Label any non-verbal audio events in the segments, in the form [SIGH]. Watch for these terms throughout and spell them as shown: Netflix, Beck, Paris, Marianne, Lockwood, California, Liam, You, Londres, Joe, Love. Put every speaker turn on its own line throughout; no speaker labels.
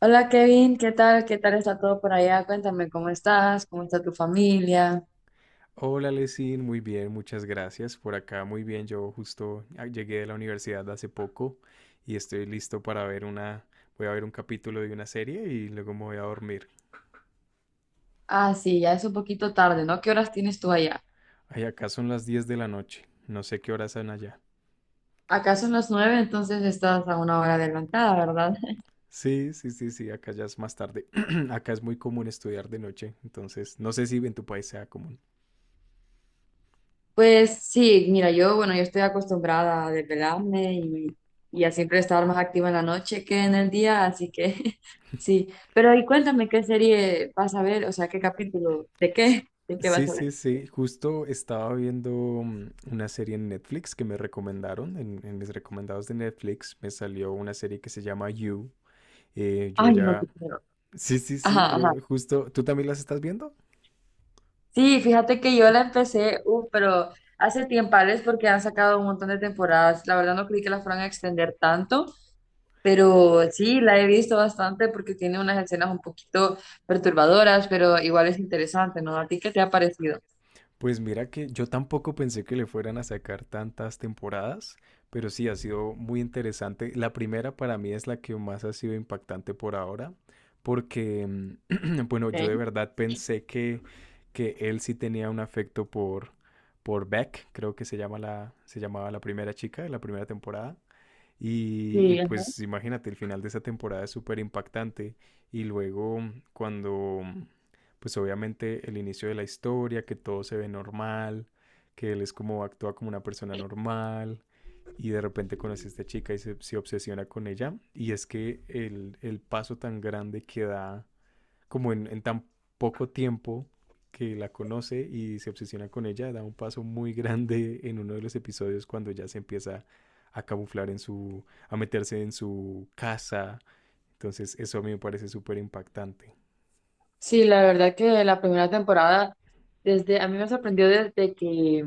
Hola Kevin, ¿qué tal? ¿Qué tal está todo por allá? Cuéntame cómo estás, cómo está tu familia.
Hola, Lesin, muy bien, muchas gracias. Por acá, muy bien. Yo justo llegué de la universidad hace poco y estoy listo para ver una. Voy a ver un capítulo de una serie y luego me voy a dormir.
Ah, sí, ya es un poquito tarde, ¿no? ¿Qué horas tienes tú allá?
Ay, acá son las 10 de la noche. No sé qué horas son allá.
Acá son las nueve, entonces estás a una hora adelantada, ¿verdad? [LAUGHS]
Sí, sí, sí, sí, acá ya es más tarde. [CLEARS THROAT] Acá es muy común estudiar de noche, entonces no sé si en tu país sea común.
Pues sí, mira, yo, bueno, yo estoy acostumbrada a desvelarme y a siempre estar más activa en la noche que en el día, así que [LAUGHS] sí. Pero y cuéntame qué serie vas a ver, o sea, qué capítulo, de qué vas
Sí,
a
sí,
ver.
sí. Justo estaba viendo una serie en Netflix que me recomendaron. En mis recomendados de Netflix me salió una serie que se llama You. Yo
Ay, no te
ya...
quiero.
Sí, sí, sí.
Ajá, ajá.
Yo justo... ¿Tú también las estás viendo?
Sí, fíjate que yo la empecé, pero hace tiempales porque han sacado un montón de temporadas. La verdad no creí que la fueran a extender tanto, pero sí, la he visto bastante porque tiene unas escenas un poquito perturbadoras, pero igual es interesante, ¿no? ¿A ti qué te ha parecido?
Pues mira que yo tampoco pensé que le fueran a sacar tantas temporadas, pero sí ha sido muy interesante. La primera para mí es la que más ha sido impactante por ahora, porque, [CLEARS THROAT] bueno, yo de
Ok.
verdad pensé que él sí tenía un afecto por Beck, creo que se llama se llamaba la primera chica de la primera temporada. Y
Sí, ajá.
pues imagínate, el final de esa temporada es súper impactante. Y luego cuando, pues obviamente el inicio de la historia, que todo se ve normal, que él es como actúa como una persona normal y de repente conoce a esta chica y se obsesiona con ella. Y es que el paso tan grande que da como en tan poco tiempo que la conoce y se obsesiona con ella, da un paso muy grande en uno de los episodios cuando ya se empieza a camuflar en su, a meterse en su casa. Entonces eso a mí me parece súper impactante.
Sí, la verdad que la primera temporada, desde, a mí me sorprendió desde que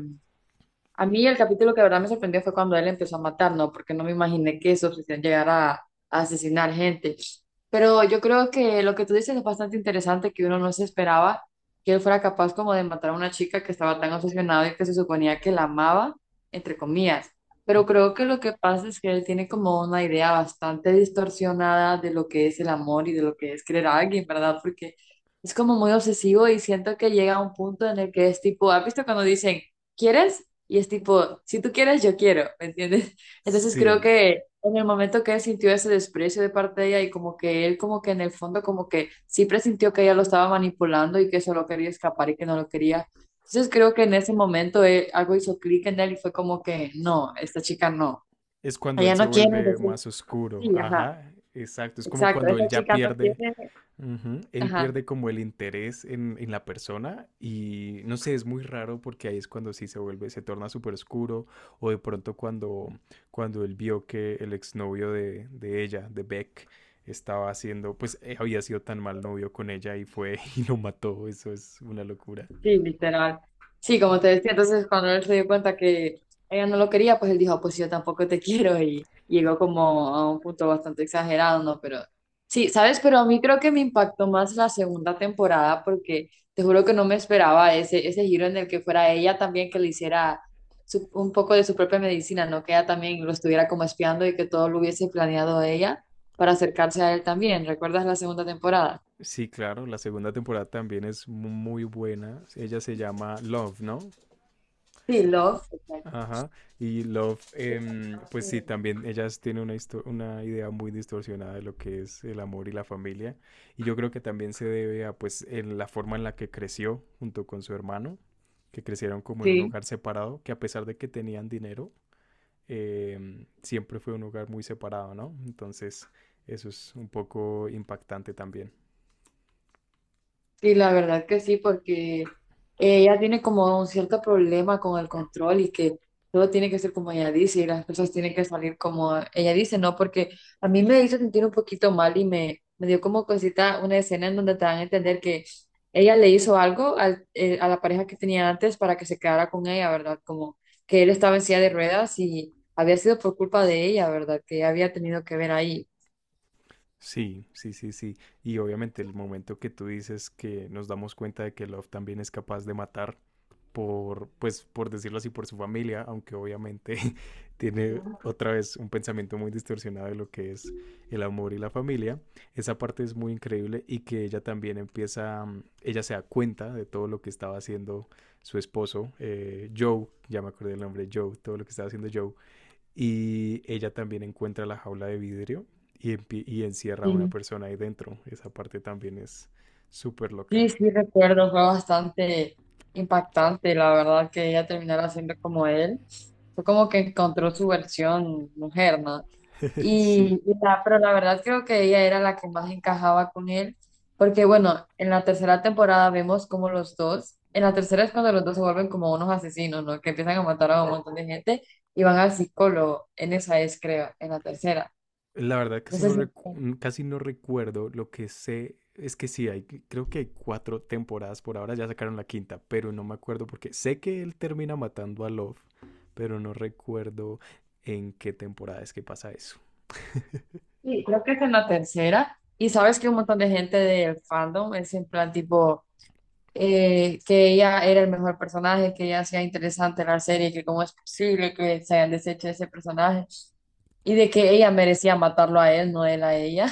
a mí el capítulo que de verdad me sorprendió fue cuando él empezó a matar, ¿no? Porque no me imaginé que su obsesión llegara a asesinar gente. Pero yo creo que lo que tú dices es bastante interesante, que uno no se esperaba que él fuera capaz como de matar a una chica que estaba tan obsesionada y que se suponía que la amaba, entre comillas. Pero creo que lo que pasa es que él tiene como una idea bastante distorsionada de lo que es el amor y de lo que es querer a alguien, ¿verdad? Porque es como muy obsesivo y siento que llega a un punto en el que es tipo, ¿has visto cuando dicen, ¿quieres? Y es tipo, si tú quieres, yo quiero, ¿me entiendes? [LAUGHS] Entonces creo
Sí,
que en el momento que él sintió ese desprecio de parte de ella y como que él como que en el fondo como que sí presintió que ella lo estaba manipulando y que solo quería escapar y que no lo quería. Entonces creo que en ese momento algo hizo clic en él y fue como que no, esta chica no,
es cuando él
ella
se
no quiere,
vuelve
entonces
más oscuro.
sí, ajá,
Ajá, exacto. Es como
exacto,
cuando él
esta
ya
chica no quiere,
pierde. Ujú. Él
ajá.
pierde como el interés en la persona y no sé, es muy raro porque ahí es cuando sí se vuelve, se torna súper oscuro o de pronto cuando él vio que el exnovio de ella, de Beck, estaba haciendo, pues había sido tan mal novio con ella y fue [LAUGHS] y lo mató, eso es una locura.
Sí, literal. Sí, como te decía, entonces cuando él se dio cuenta que ella no lo quería, pues él dijo, pues yo tampoco te [LAUGHS] quiero y llegó como a un punto bastante exagerado, ¿no? Pero sí, ¿sabes? Pero a mí creo que me impactó más la segunda temporada porque te juro que no me esperaba ese giro en el que fuera ella también que le hiciera un poco de su propia medicina, ¿no? Que ella también lo estuviera como espiando y que todo lo hubiese planeado ella para acercarse a él también. ¿Recuerdas la segunda temporada?
Sí, claro, la segunda temporada también es muy buena, ella se llama Love, ¿no?
Sí, Love. Exacto.
Ajá, y Love, pues sí, también ellas tienen una, una idea muy distorsionada de lo que es el amor y la familia, y yo creo que también se debe a pues en la forma en la que creció junto con su hermano, que crecieron como en un
Sí.
hogar separado, que a pesar de que tenían dinero, siempre fue un hogar muy separado, ¿no? Entonces, eso es un poco impactante también.
Sí, la verdad que sí, porque ella tiene como un cierto problema con el control y que todo tiene que ser como ella dice y las cosas tienen que salir como ella dice, ¿no? Porque a mí me hizo sentir un poquito mal y me dio como cosita una escena en donde te dan a entender que ella le hizo algo a la pareja que tenía antes para que se quedara con ella, ¿verdad? Como que él estaba en silla de ruedas y había sido por culpa de ella, ¿verdad? Que ella había tenido que ver ahí.
Sí, sí, sí, sí. Y obviamente el momento que tú dices que nos damos cuenta de que Love también es capaz de matar por, pues, por decirlo así, por su familia, aunque obviamente [LAUGHS] tiene otra vez un pensamiento muy distorsionado de lo que es el amor y la familia. Esa parte es muy increíble y que ella también empieza, ella se da cuenta de todo lo que estaba haciendo su esposo, Joe, ya me acordé el nombre, Joe, todo lo que estaba haciendo Joe, y ella también encuentra la jaula de vidrio y, y encierra a una persona ahí dentro. Esa parte también es súper
Sí,
loca.
sí, recuerdo, fue bastante impactante, la verdad, que ella terminara siendo como él. Fue como que encontró su versión mujer, ¿no?
[LAUGHS] Sí.
Y la, pero la verdad creo que ella era la que más encajaba con él, porque bueno, en la tercera temporada vemos como los dos, en la tercera es cuando los dos se vuelven como unos asesinos, ¿no? Que empiezan a matar a un montón de gente y van al psicólogo, en esa es, creo, en la tercera.
La verdad
No
casi
sé
no,
si...
casi no recuerdo. Lo que sé es que sí, hay, creo que hay cuatro temporadas por ahora, ya sacaron la quinta, pero no me acuerdo porque sé que él termina matando a Love, pero no recuerdo en qué temporada es que pasa eso.
Sí, creo que esta es la tercera. Y sabes que un montón de gente del fandom es en plan tipo, que ella era el mejor personaje, que ella hacía interesante la serie, que cómo es posible que se hayan deshecho de ese personaje y de que ella merecía matarlo a él, no él a ella.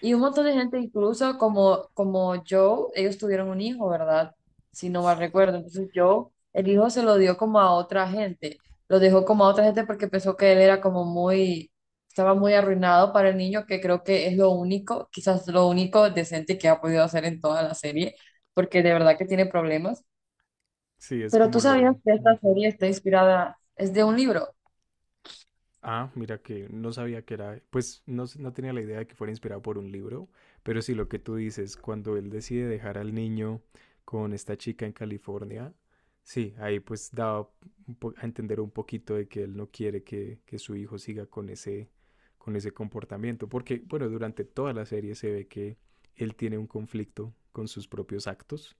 Y un montón de gente, incluso como Joe, ellos tuvieron un hijo, ¿verdad? Si no
S-
mal recuerdo. Entonces Joe, el hijo se lo dio como a otra gente. Lo dejó como a otra gente porque pensó que él era como muy, estaba muy arruinado para el niño, que creo que es lo único, quizás lo único decente que ha podido hacer en toda la serie, porque de verdad que tiene problemas.
Sí, es
Pero tú
como
sabías
lo...
que esta
Ujú.
serie está inspirada, es de un libro.
Ah, mira que no sabía que era, pues no, no tenía la idea de que fuera inspirado por un libro, pero sí lo que tú dices, cuando él decide dejar al niño con esta chica en California, sí, ahí pues daba a entender un poquito de que él no quiere que su hijo siga con ese comportamiento, porque bueno, durante toda la serie se ve que él tiene un conflicto con sus propios actos.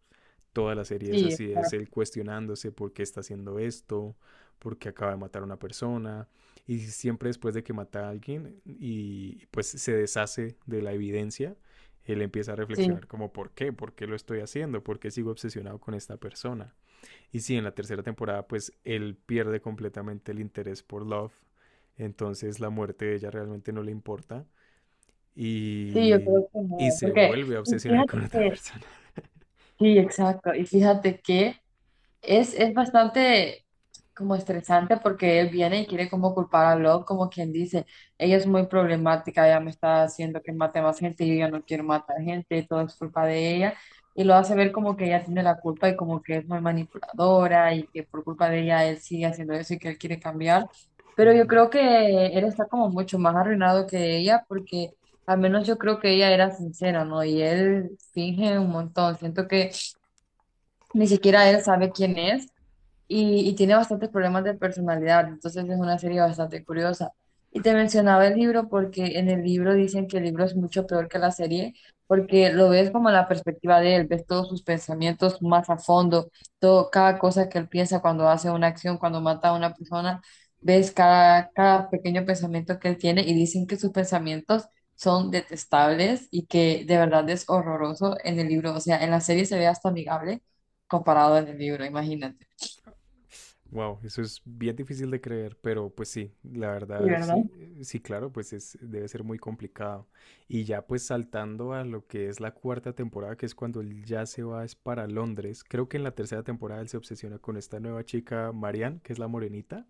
Toda la serie es
Sí,
así, es él
exacto,
cuestionándose por qué está haciendo esto, por qué acaba de matar a una persona, y siempre después de que mata a alguien y pues se deshace de la evidencia, él empieza a
sí,
reflexionar como por qué lo estoy haciendo, por qué sigo obsesionado con esta persona. Y sí, en la tercera temporada pues él pierde completamente el interés por Love, entonces la muerte de ella realmente no le importa
sí, yo
y,
creo que
y
no.
se
Porque,
vuelve a
y
obsesionar
fíjate
con otra
que
persona.
sí, exacto. Y fíjate que es bastante como estresante porque él viene y quiere como culpar a Love, como quien dice, ella es muy problemática, ella me está haciendo que mate más gente, yo ya no quiero matar gente, todo es culpa de ella. Y lo hace ver como que ella tiene la culpa y como que es muy manipuladora y que por culpa de ella él sigue haciendo eso y que él quiere cambiar.
Uh
Pero yo
-huh.
creo que él está como mucho más arruinado que ella porque al menos yo creo que ella era sincera, ¿no? Y él finge un montón. Siento que ni siquiera él sabe quién es y tiene bastantes problemas de personalidad, entonces es una serie bastante curiosa. Y te mencionaba el libro porque en el libro dicen que el libro es mucho peor que la serie, porque lo ves como la perspectiva de él, ves todos sus pensamientos más a fondo, todo, cada cosa que él piensa cuando hace una acción, cuando mata a una persona, ves cada pequeño pensamiento que él tiene y dicen que sus pensamientos son detestables y que de verdad es horroroso en el libro, o sea, en la serie se ve hasta amigable comparado en el libro, imagínate.
Wow, eso es bien difícil de creer, pero pues sí, la verdad sí,
¿Verdad?
sí, claro, pues es, debe ser muy complicado. Y ya pues saltando a lo que es la cuarta temporada, que es cuando él ya se va es para Londres, creo que en la tercera temporada él se obsesiona con esta nueva chica, Marianne, que es la morenita,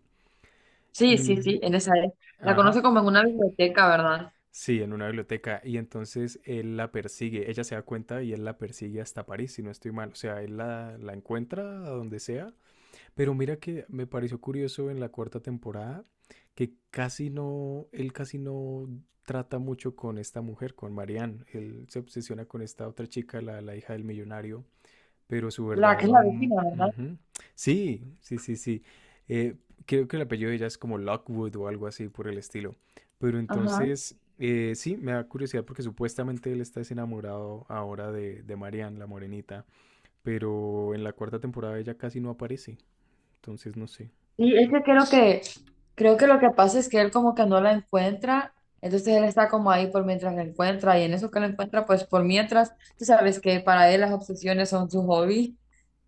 Sí, sí,
y,
sí, en esa es. La conoce
ajá,
como en una biblioteca, ¿verdad?
sí, en una biblioteca, y entonces él la persigue, ella se da cuenta y él la persigue hasta París, si no estoy mal, o sea, él la encuentra a donde sea. Pero mira que me pareció curioso en la cuarta temporada que casi no, él casi no trata mucho con esta mujer, con Marianne. Él se obsesiona con esta otra chica, la hija del millonario, pero su
La que es
verdadero
la
amor...
vecina, ¿verdad?
Sí, sí, sí, sí. Eh, creo que el apellido de ella es como Lockwood o algo así por el estilo. Pero
Ajá.
entonces, sí, me da curiosidad porque supuestamente él está desenamorado ahora de Marianne, la morenita, pero en la cuarta temporada ella casi no aparece. Entonces, no sé.
Sí, es que creo que, creo que lo que pasa es que él como que no la encuentra, entonces él está como ahí por mientras la encuentra, y en eso que la encuentra, pues por mientras, tú sabes que para él las obsesiones son su hobby,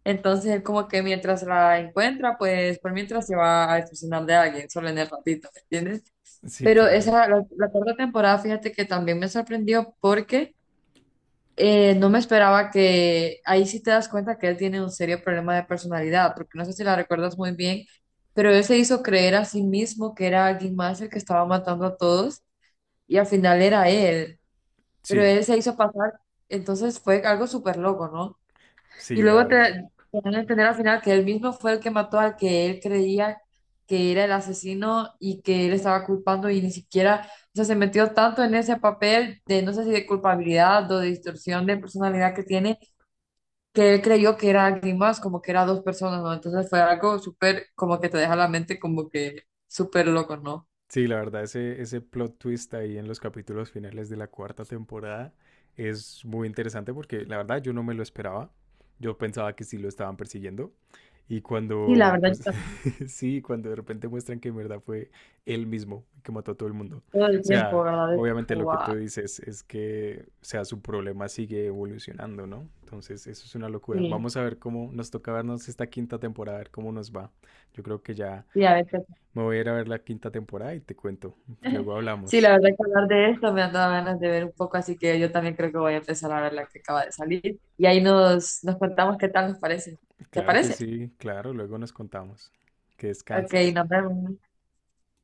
entonces él como que mientras la encuentra, pues por mientras se va a obsesionar de alguien, solo en el ratito, ¿me entiendes?
Sí,
Pero
claro.
esa, la cuarta temporada, fíjate que también me sorprendió porque... no me esperaba que ahí sí te das cuenta que él tiene un serio problema de personalidad, porque no sé si la recuerdas muy bien, pero él se hizo creer a sí mismo que era alguien más el que estaba matando a todos y al final era él, pero
Sí,
él se hizo pasar, entonces fue algo súper loco, ¿no? Y
sí, la
luego
verdad.
te dan a entender al final que él mismo fue el que mató al que él creía que era el asesino y que él estaba culpando y ni siquiera... O sea, se metió tanto en ese papel de, no sé si de culpabilidad o de distorsión de personalidad que tiene, que él creyó que era alguien más, como que era dos personas, ¿no? Entonces fue algo súper, como que te deja la mente como que súper loco, ¿no?
Sí, la verdad, ese plot twist ahí en los capítulos finales de la cuarta temporada es muy interesante porque la verdad yo no me lo esperaba. Yo pensaba que sí lo estaban persiguiendo. Y
Sí, la
cuando,
verdad, yo
pues,
también,
sí, cuando de repente muestran que en verdad fue él mismo que mató a todo el mundo. O
todo el tiempo,
sea,
¿verdad? Es
obviamente
como
lo que tú
va.
dices es o sea, su problema sigue evolucionando, ¿no? Entonces, eso es una locura.
Sí,
Vamos a ver cómo nos toca vernos esta quinta temporada, a ver cómo nos va. Yo creo que ya
sí, a veces.
me voy a ir a ver la quinta temporada y te cuento.
[LAUGHS]
Luego
Sí,
hablamos.
la verdad que hablar de esto me han dado ganas de ver un poco, así que yo también creo que voy a empezar a ver la que acaba de salir. Y ahí nos contamos qué tal nos parece. ¿Te
Claro que
parece?
sí, claro, luego nos contamos. Que
Ok,
descanses.
nos vemos.